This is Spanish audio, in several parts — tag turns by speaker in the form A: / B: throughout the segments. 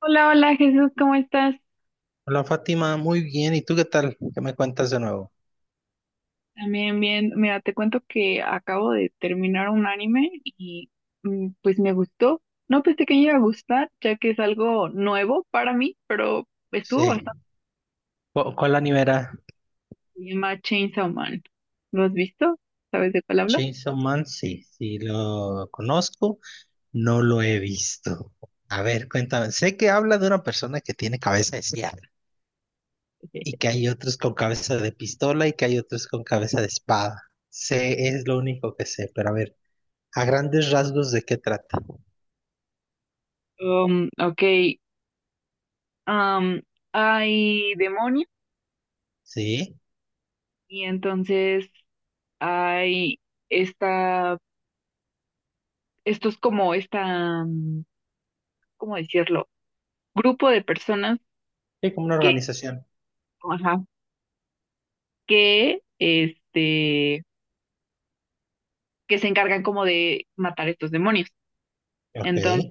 A: Hola, hola Jesús, ¿cómo estás?
B: Hola Fátima, muy bien. ¿Y tú qué tal? ¿Qué me cuentas de nuevo?
A: También bien, mira, te cuento que acabo de terminar un anime y pues me gustó. No pensé que me iba a gustar, ya que es algo nuevo para mí, pero estuvo bastante
B: Sí. ¿Cuál anime era?
A: bien. Se llama Chainsaw Man. ¿Lo has visto? ¿Sabes de cuál hablo?
B: Chainsaw Man, sí, sí lo conozco, no lo he visto. A ver, cuéntame. Sé que habla de una persona que tiene cabeza de sierra y que hay otros con cabeza de pistola y que hay otros con cabeza de espada. Sé, es lo único que sé, pero a ver, a grandes rasgos de qué trata.
A: Ok. um Hay demonios
B: Sí,
A: y entonces hay esta, estos como ¿cómo decirlo? Grupo de personas
B: sí, como una
A: que,
B: organización.
A: ajá, que que se encargan como de matar estos demonios.
B: Ok,
A: Entonces,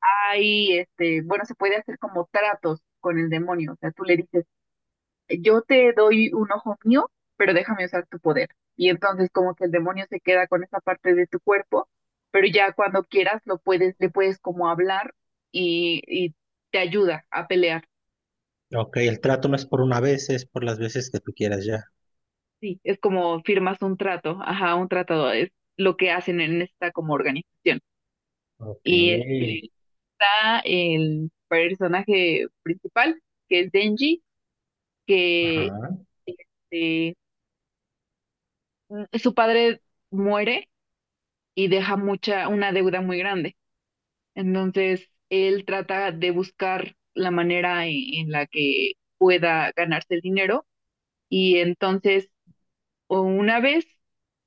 A: ahí, este, bueno, se puede hacer como tratos con el demonio. O sea, tú le dices, yo te doy un ojo mío, pero déjame usar tu poder. Y entonces como que el demonio se queda con esa parte de tu cuerpo, pero ya cuando quieras lo puedes, le puedes como hablar y te ayuda a pelear.
B: ok, el trato no es por una vez, es por las veces que tú quieras ya.
A: Sí, es como firmas un trato, ajá, un tratado, es lo que hacen en esta como organización.
B: Ok.
A: Y este, está el personaje principal, que es Denji, que
B: Ajá.
A: eh, su padre muere y deja mucha, una deuda muy grande. Entonces, él trata de buscar la manera en la que pueda ganarse el dinero. Y entonces, o una vez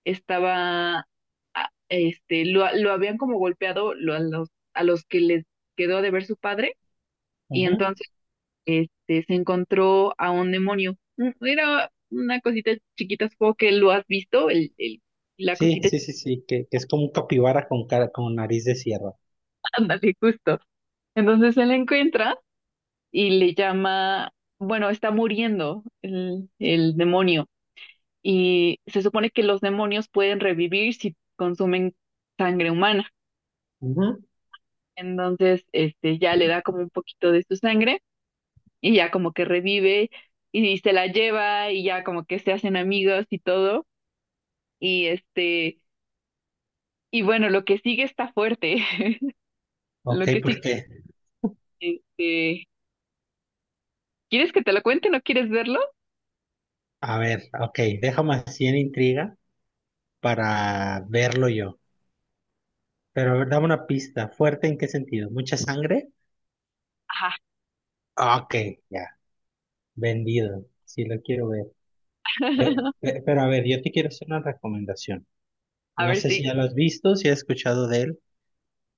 A: estaba, este, lo habían como golpeado a a los que les quedó de ver su padre. Y
B: Ujú.
A: entonces este, se encontró a un demonio. Era una cosita chiquita, supongo que lo has visto, la
B: Sí,
A: cosita,
B: sí, sí, sí, que es como un capibara con cara, con nariz de sierra.
A: ándale, justo. Entonces él la encuentra y le llama, bueno, está muriendo el demonio. Y se supone que los demonios pueden revivir si consumen sangre humana.
B: Ujú.
A: Entonces, este, ya le da como un poquito de su sangre y ya como que revive y se la lleva y ya como que se hacen amigos y todo. Y este, y bueno, lo que sigue está fuerte.
B: Ok,
A: Lo que sigue,
B: porque,
A: este, ¿quieres que te lo cuente? ¿No quieres verlo?
B: a ver, ok, déjame así en intriga para verlo yo. Pero a ver, dame una pista. ¿Fuerte en qué sentido? ¿Mucha sangre?
A: Ajá.
B: Ok, ya, vendido. Sí, lo quiero ver. Pero a ver, yo te quiero hacer una recomendación.
A: A
B: No
A: ver
B: sé si
A: si.
B: ya lo has visto, si has escuchado de él.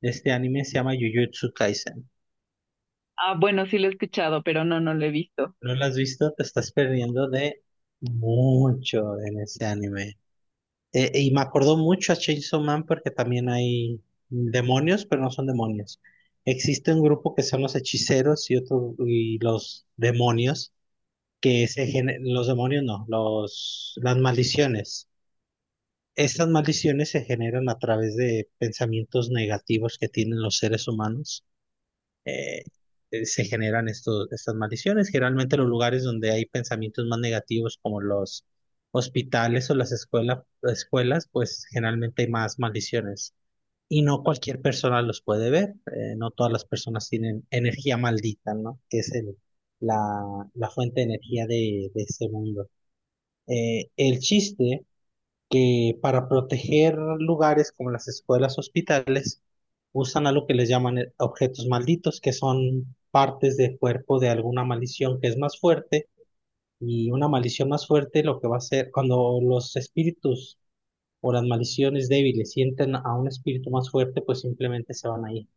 B: Este anime se llama Jujutsu Kaisen.
A: Ah, bueno, sí lo he escuchado, pero no, no lo he visto.
B: No lo has visto, te estás perdiendo de mucho en ese anime. Y me acordó mucho a Chainsaw Man porque también hay demonios, pero no son demonios. Existe un grupo que son los hechiceros y otro y los demonios, que los demonios no, los las maldiciones. Estas maldiciones se generan a través de pensamientos negativos que tienen los seres humanos. eh, Se generan estos, estas maldiciones. Generalmente los lugares donde hay pensamientos más negativos, como los hospitales o las escuelas, pues generalmente hay más maldiciones. Y no cualquier persona los puede ver. No todas las personas tienen energía maldita, ¿no? Que es la, la fuente de energía de este mundo. El chiste que para proteger lugares como las escuelas, hospitales, usan algo que les llaman objetos malditos, que son partes del cuerpo de alguna maldición que es más fuerte, y una maldición más fuerte lo que va a hacer cuando los espíritus o las maldiciones débiles sienten a un espíritu más fuerte, pues simplemente se van a ir.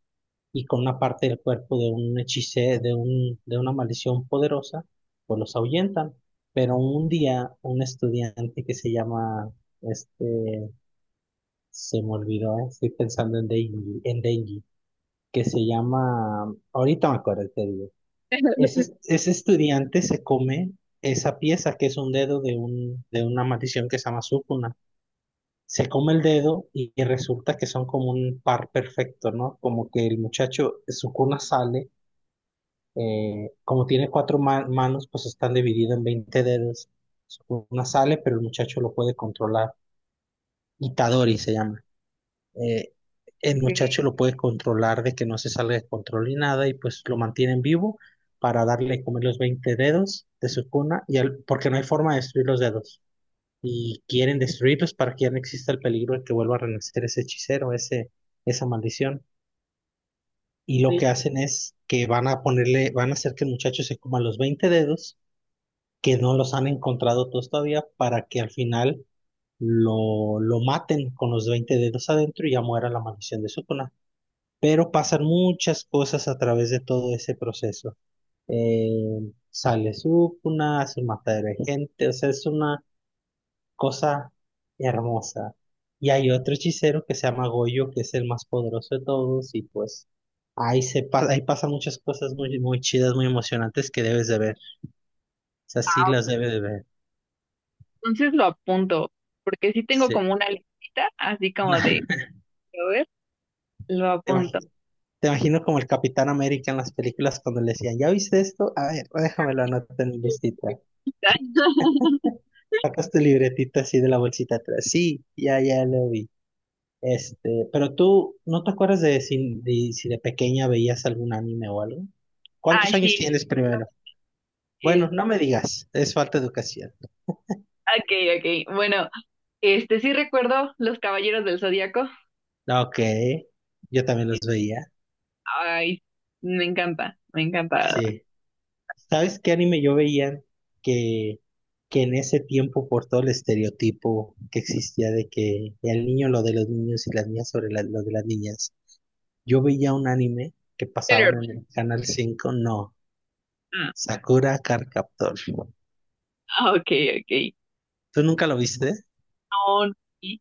B: Y con una parte del cuerpo de un hechicero, de un, de una maldición poderosa, pues los ahuyentan. Pero un día un estudiante que se llama, este, se me olvidó, estoy pensando en Denji, que se llama, ahorita me acuerdo, te digo. Ese estudiante se come esa pieza que es un dedo de una maldición que se llama Sukuna. Se come el dedo y resulta que son como un par perfecto, ¿no? Como que el muchacho, Sukuna sale, como tiene cuatro manos, pues están divididos en 20 dedos. Sukuna sale, pero el muchacho lo puede controlar. Itadori se llama. eh, el
A: Ok,
B: muchacho lo puede controlar de que no se salga de control ni nada y pues lo mantienen vivo para darle a comer los 20 dedos de su cuna y porque no hay forma de destruir los dedos y quieren destruirlos para que ya no exista el peligro de que vuelva a renacer ese hechicero, esa maldición. Y lo que
A: ok.
B: hacen es que van a ponerle, van a hacer que el muchacho se coma los 20 dedos que no los han encontrado todos todavía para que al final lo maten con los 20 dedos adentro y ya muera la maldición de su cuna, pero pasan muchas cosas a través de todo ese proceso. Sale Sukuna, hace un matadero de gente, o sea, es una cosa hermosa. Y hay otro hechicero que se llama Goyo, que es el más poderoso de todos, y pues ahí ahí pasan muchas cosas muy, muy chidas, muy emocionantes que debes de ver. O sea, sí
A: Ah, ok.
B: las debes de ver.
A: Entonces lo apunto, porque sí tengo
B: Sí.
A: como una listita, así como de, a ver, lo
B: Te
A: apunto.
B: imagi- te imagino como el Capitán América en las películas cuando le decían, ¿ya viste esto? A ver, déjamelo anotar en mi listita. Sacas tu libretita así de la bolsita atrás. Sí, ya, ya lo vi. Este, pero tú, ¿no te acuerdas de si de, si de pequeña veías algún anime o algo?
A: Ah,
B: ¿Cuántos años
A: sí.
B: tienes primero?
A: es-
B: Bueno, no me digas, es falta de educación.
A: ok, ok. Bueno, este sí recuerdo Los Caballeros del Zodíaco.
B: Ok, yo también los veía.
A: Ay, me encanta, me encanta.
B: Sí. ¿Sabes qué anime yo veía? Que, que en ese tiempo, por todo el estereotipo que existía de que el niño lo de los niños y las niñas sobre lo de las niñas, yo veía un anime que pasaban
A: Sailor
B: en el Canal 5, ¿no?
A: Moon.
B: Sakura Card Captor.
A: Ah, ok, ok.
B: ¿Tú nunca lo viste?
A: No, no, sí.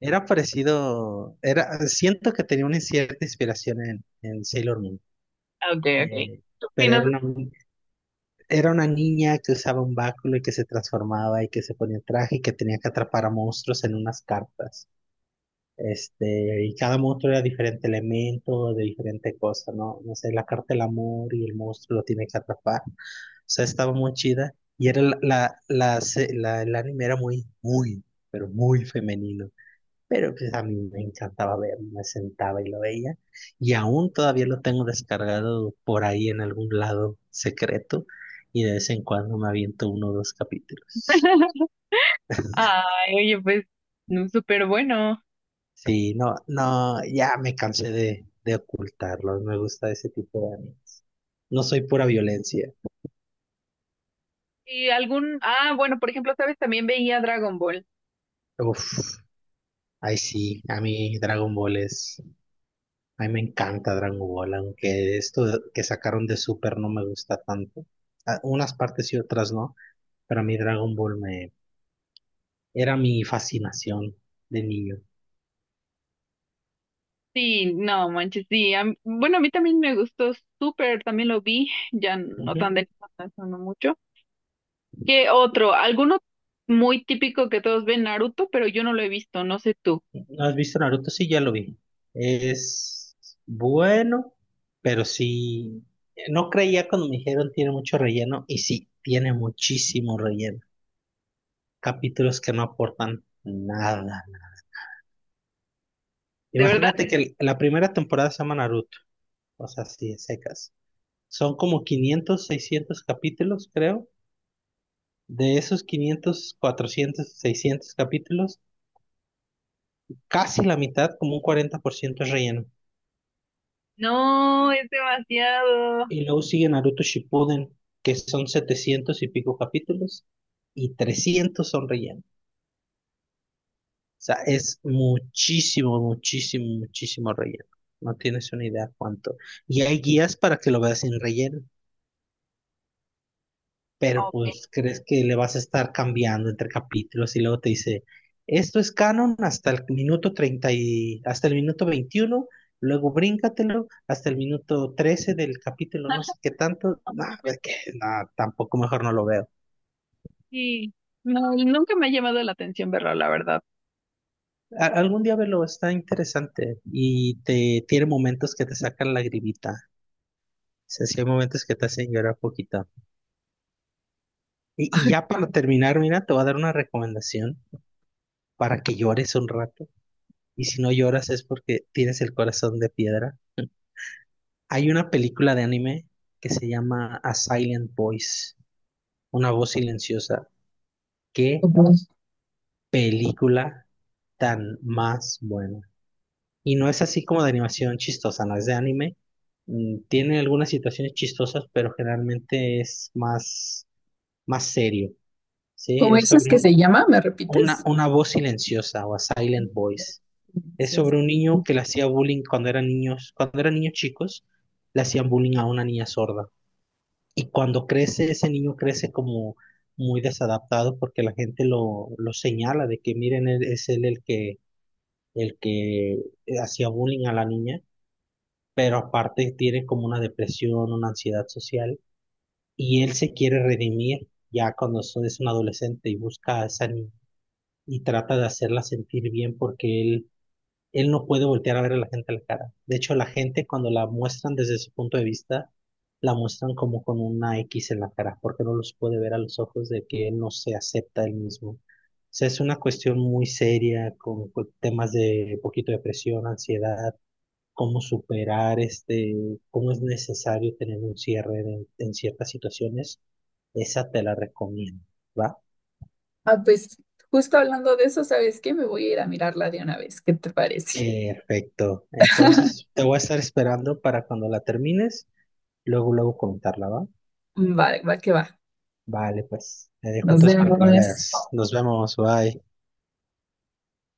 B: Era parecido, era, siento que tenía una cierta inspiración en Sailor Moon,
A: Ah, ok, ok.
B: eh,
A: ¿Qué
B: pero
A: opinas?
B: era una niña que usaba un báculo y que se transformaba y que se ponía traje y que tenía que atrapar a monstruos en unas cartas. Este, y cada monstruo era diferente elemento, de diferente cosa, ¿no? No sé, la carta del amor y el monstruo lo tiene que atrapar. Sea, estaba muy chida y era el anime era muy, muy, pero muy femenino. Pero pues a mí me encantaba verlo, me sentaba y lo veía. Y aún todavía lo tengo descargado por ahí en algún lado secreto y de vez en cuando me aviento uno o dos capítulos.
A: Ay, oye, pues, no, súper bueno.
B: Sí, no, no, ya me cansé de ocultarlo, me gusta ese tipo de animes. No soy pura violencia.
A: Y algún, ah, bueno, por ejemplo, ¿sabes? También veía Dragon Ball.
B: Uf, ay sí, a mí Dragon Ball es... A mí me encanta Dragon Ball, aunque esto que sacaron de Super no me gusta tanto. A- unas partes y otras no, pero a mí Dragon Ball me era mi fascinación de niño.
A: Sí, no, manches, sí. Bueno, a mí también me gustó súper, también lo vi, ya no
B: Ujú.
A: tan de no no mucho. ¿Qué otro? Alguno muy típico que todos ven, Naruto, pero yo no lo he visto, no sé tú.
B: ¿No has visto Naruto? Sí, ya lo vi. Es bueno, pero sí, no creía cuando me dijeron tiene mucho relleno y sí, tiene muchísimo relleno. Capítulos que no aportan nada.
A: ¿De verdad?
B: Imagínate que la primera temporada se llama Naruto, o sea, sí, secas. Son como 500, 600 capítulos, creo. De esos 500, 400, 600 capítulos, casi la mitad, como un 40% es relleno.
A: No, es demasiado.
B: Y luego sigue Naruto Shippuden, que son 700 y pico capítulos, y 300 son relleno. O sea, es muchísimo, muchísimo, muchísimo relleno. No tienes una idea cuánto. Y hay guías para que lo veas sin relleno, pero
A: Ok,
B: pues crees que le vas a estar cambiando entre capítulos y luego te dice, esto es canon hasta el minuto 30 y hasta el minuto 21, luego bríncatelo hasta el minuto 13 del capítulo, no sé qué tanto, nada, que nada, tampoco mejor no lo veo.
A: sí. No, nunca me ha llamado la atención verlo, la verdad.
B: Algún día velo, está interesante y te tiene momentos que te sacan la gribita. O sea, sí hay momentos que te hacen llorar poquito. Y ya para terminar, mira, te voy a dar una recomendación para que llores un rato. Y si no lloras es porque tienes el corazón de piedra. Hay una película de anime que se llama A Silent Voice, una voz silenciosa. Qué película tan más buena. Y no es así como de animación chistosa, no es de anime. Tiene algunas situaciones chistosas, pero generalmente es más serio. Sí,
A: ¿Cómo
B: es
A: dices
B: sobre
A: que se
B: un-
A: llama? ¿Me
B: una,
A: repites?
B: una voz silenciosa o A Silent Voice. Es
A: Delicioso.
B: sobre un niño que le hacía bullying cuando eran niños chicos, le hacían bullying a una niña sorda. Y cuando crece, ese niño crece como muy desadaptado porque la gente lo señala de que miren, es él el que hacía bullying a la niña, pero aparte tiene como una depresión, una ansiedad social, y él se quiere redimir ya cuando es un adolescente y busca a esa niña y trata de hacerla sentir bien porque él no puede voltear a ver a la gente a la cara. De hecho, la gente cuando la muestran desde su punto de vista, la muestran como con una X en la cara, porque no los puede ver a los ojos de que él no se acepta él mismo. O sea, es una cuestión muy seria con temas de poquito depresión, ansiedad, cómo superar este, cómo es necesario tener un cierre en ciertas situaciones. Esa te la recomiendo, ¿va?
A: Ah, pues justo hablando de eso, ¿sabes qué? Me voy a ir a mirarla de una vez. ¿Qué te parece?
B: Perfecto. Entonces, te voy a estar esperando para cuando la termines, luego, luego comentarla, ¿va?
A: Va, va que va.
B: Vale, pues, te dejo
A: Nos
B: entonces para que la
A: vemos.
B: veas. Nos vemos, bye.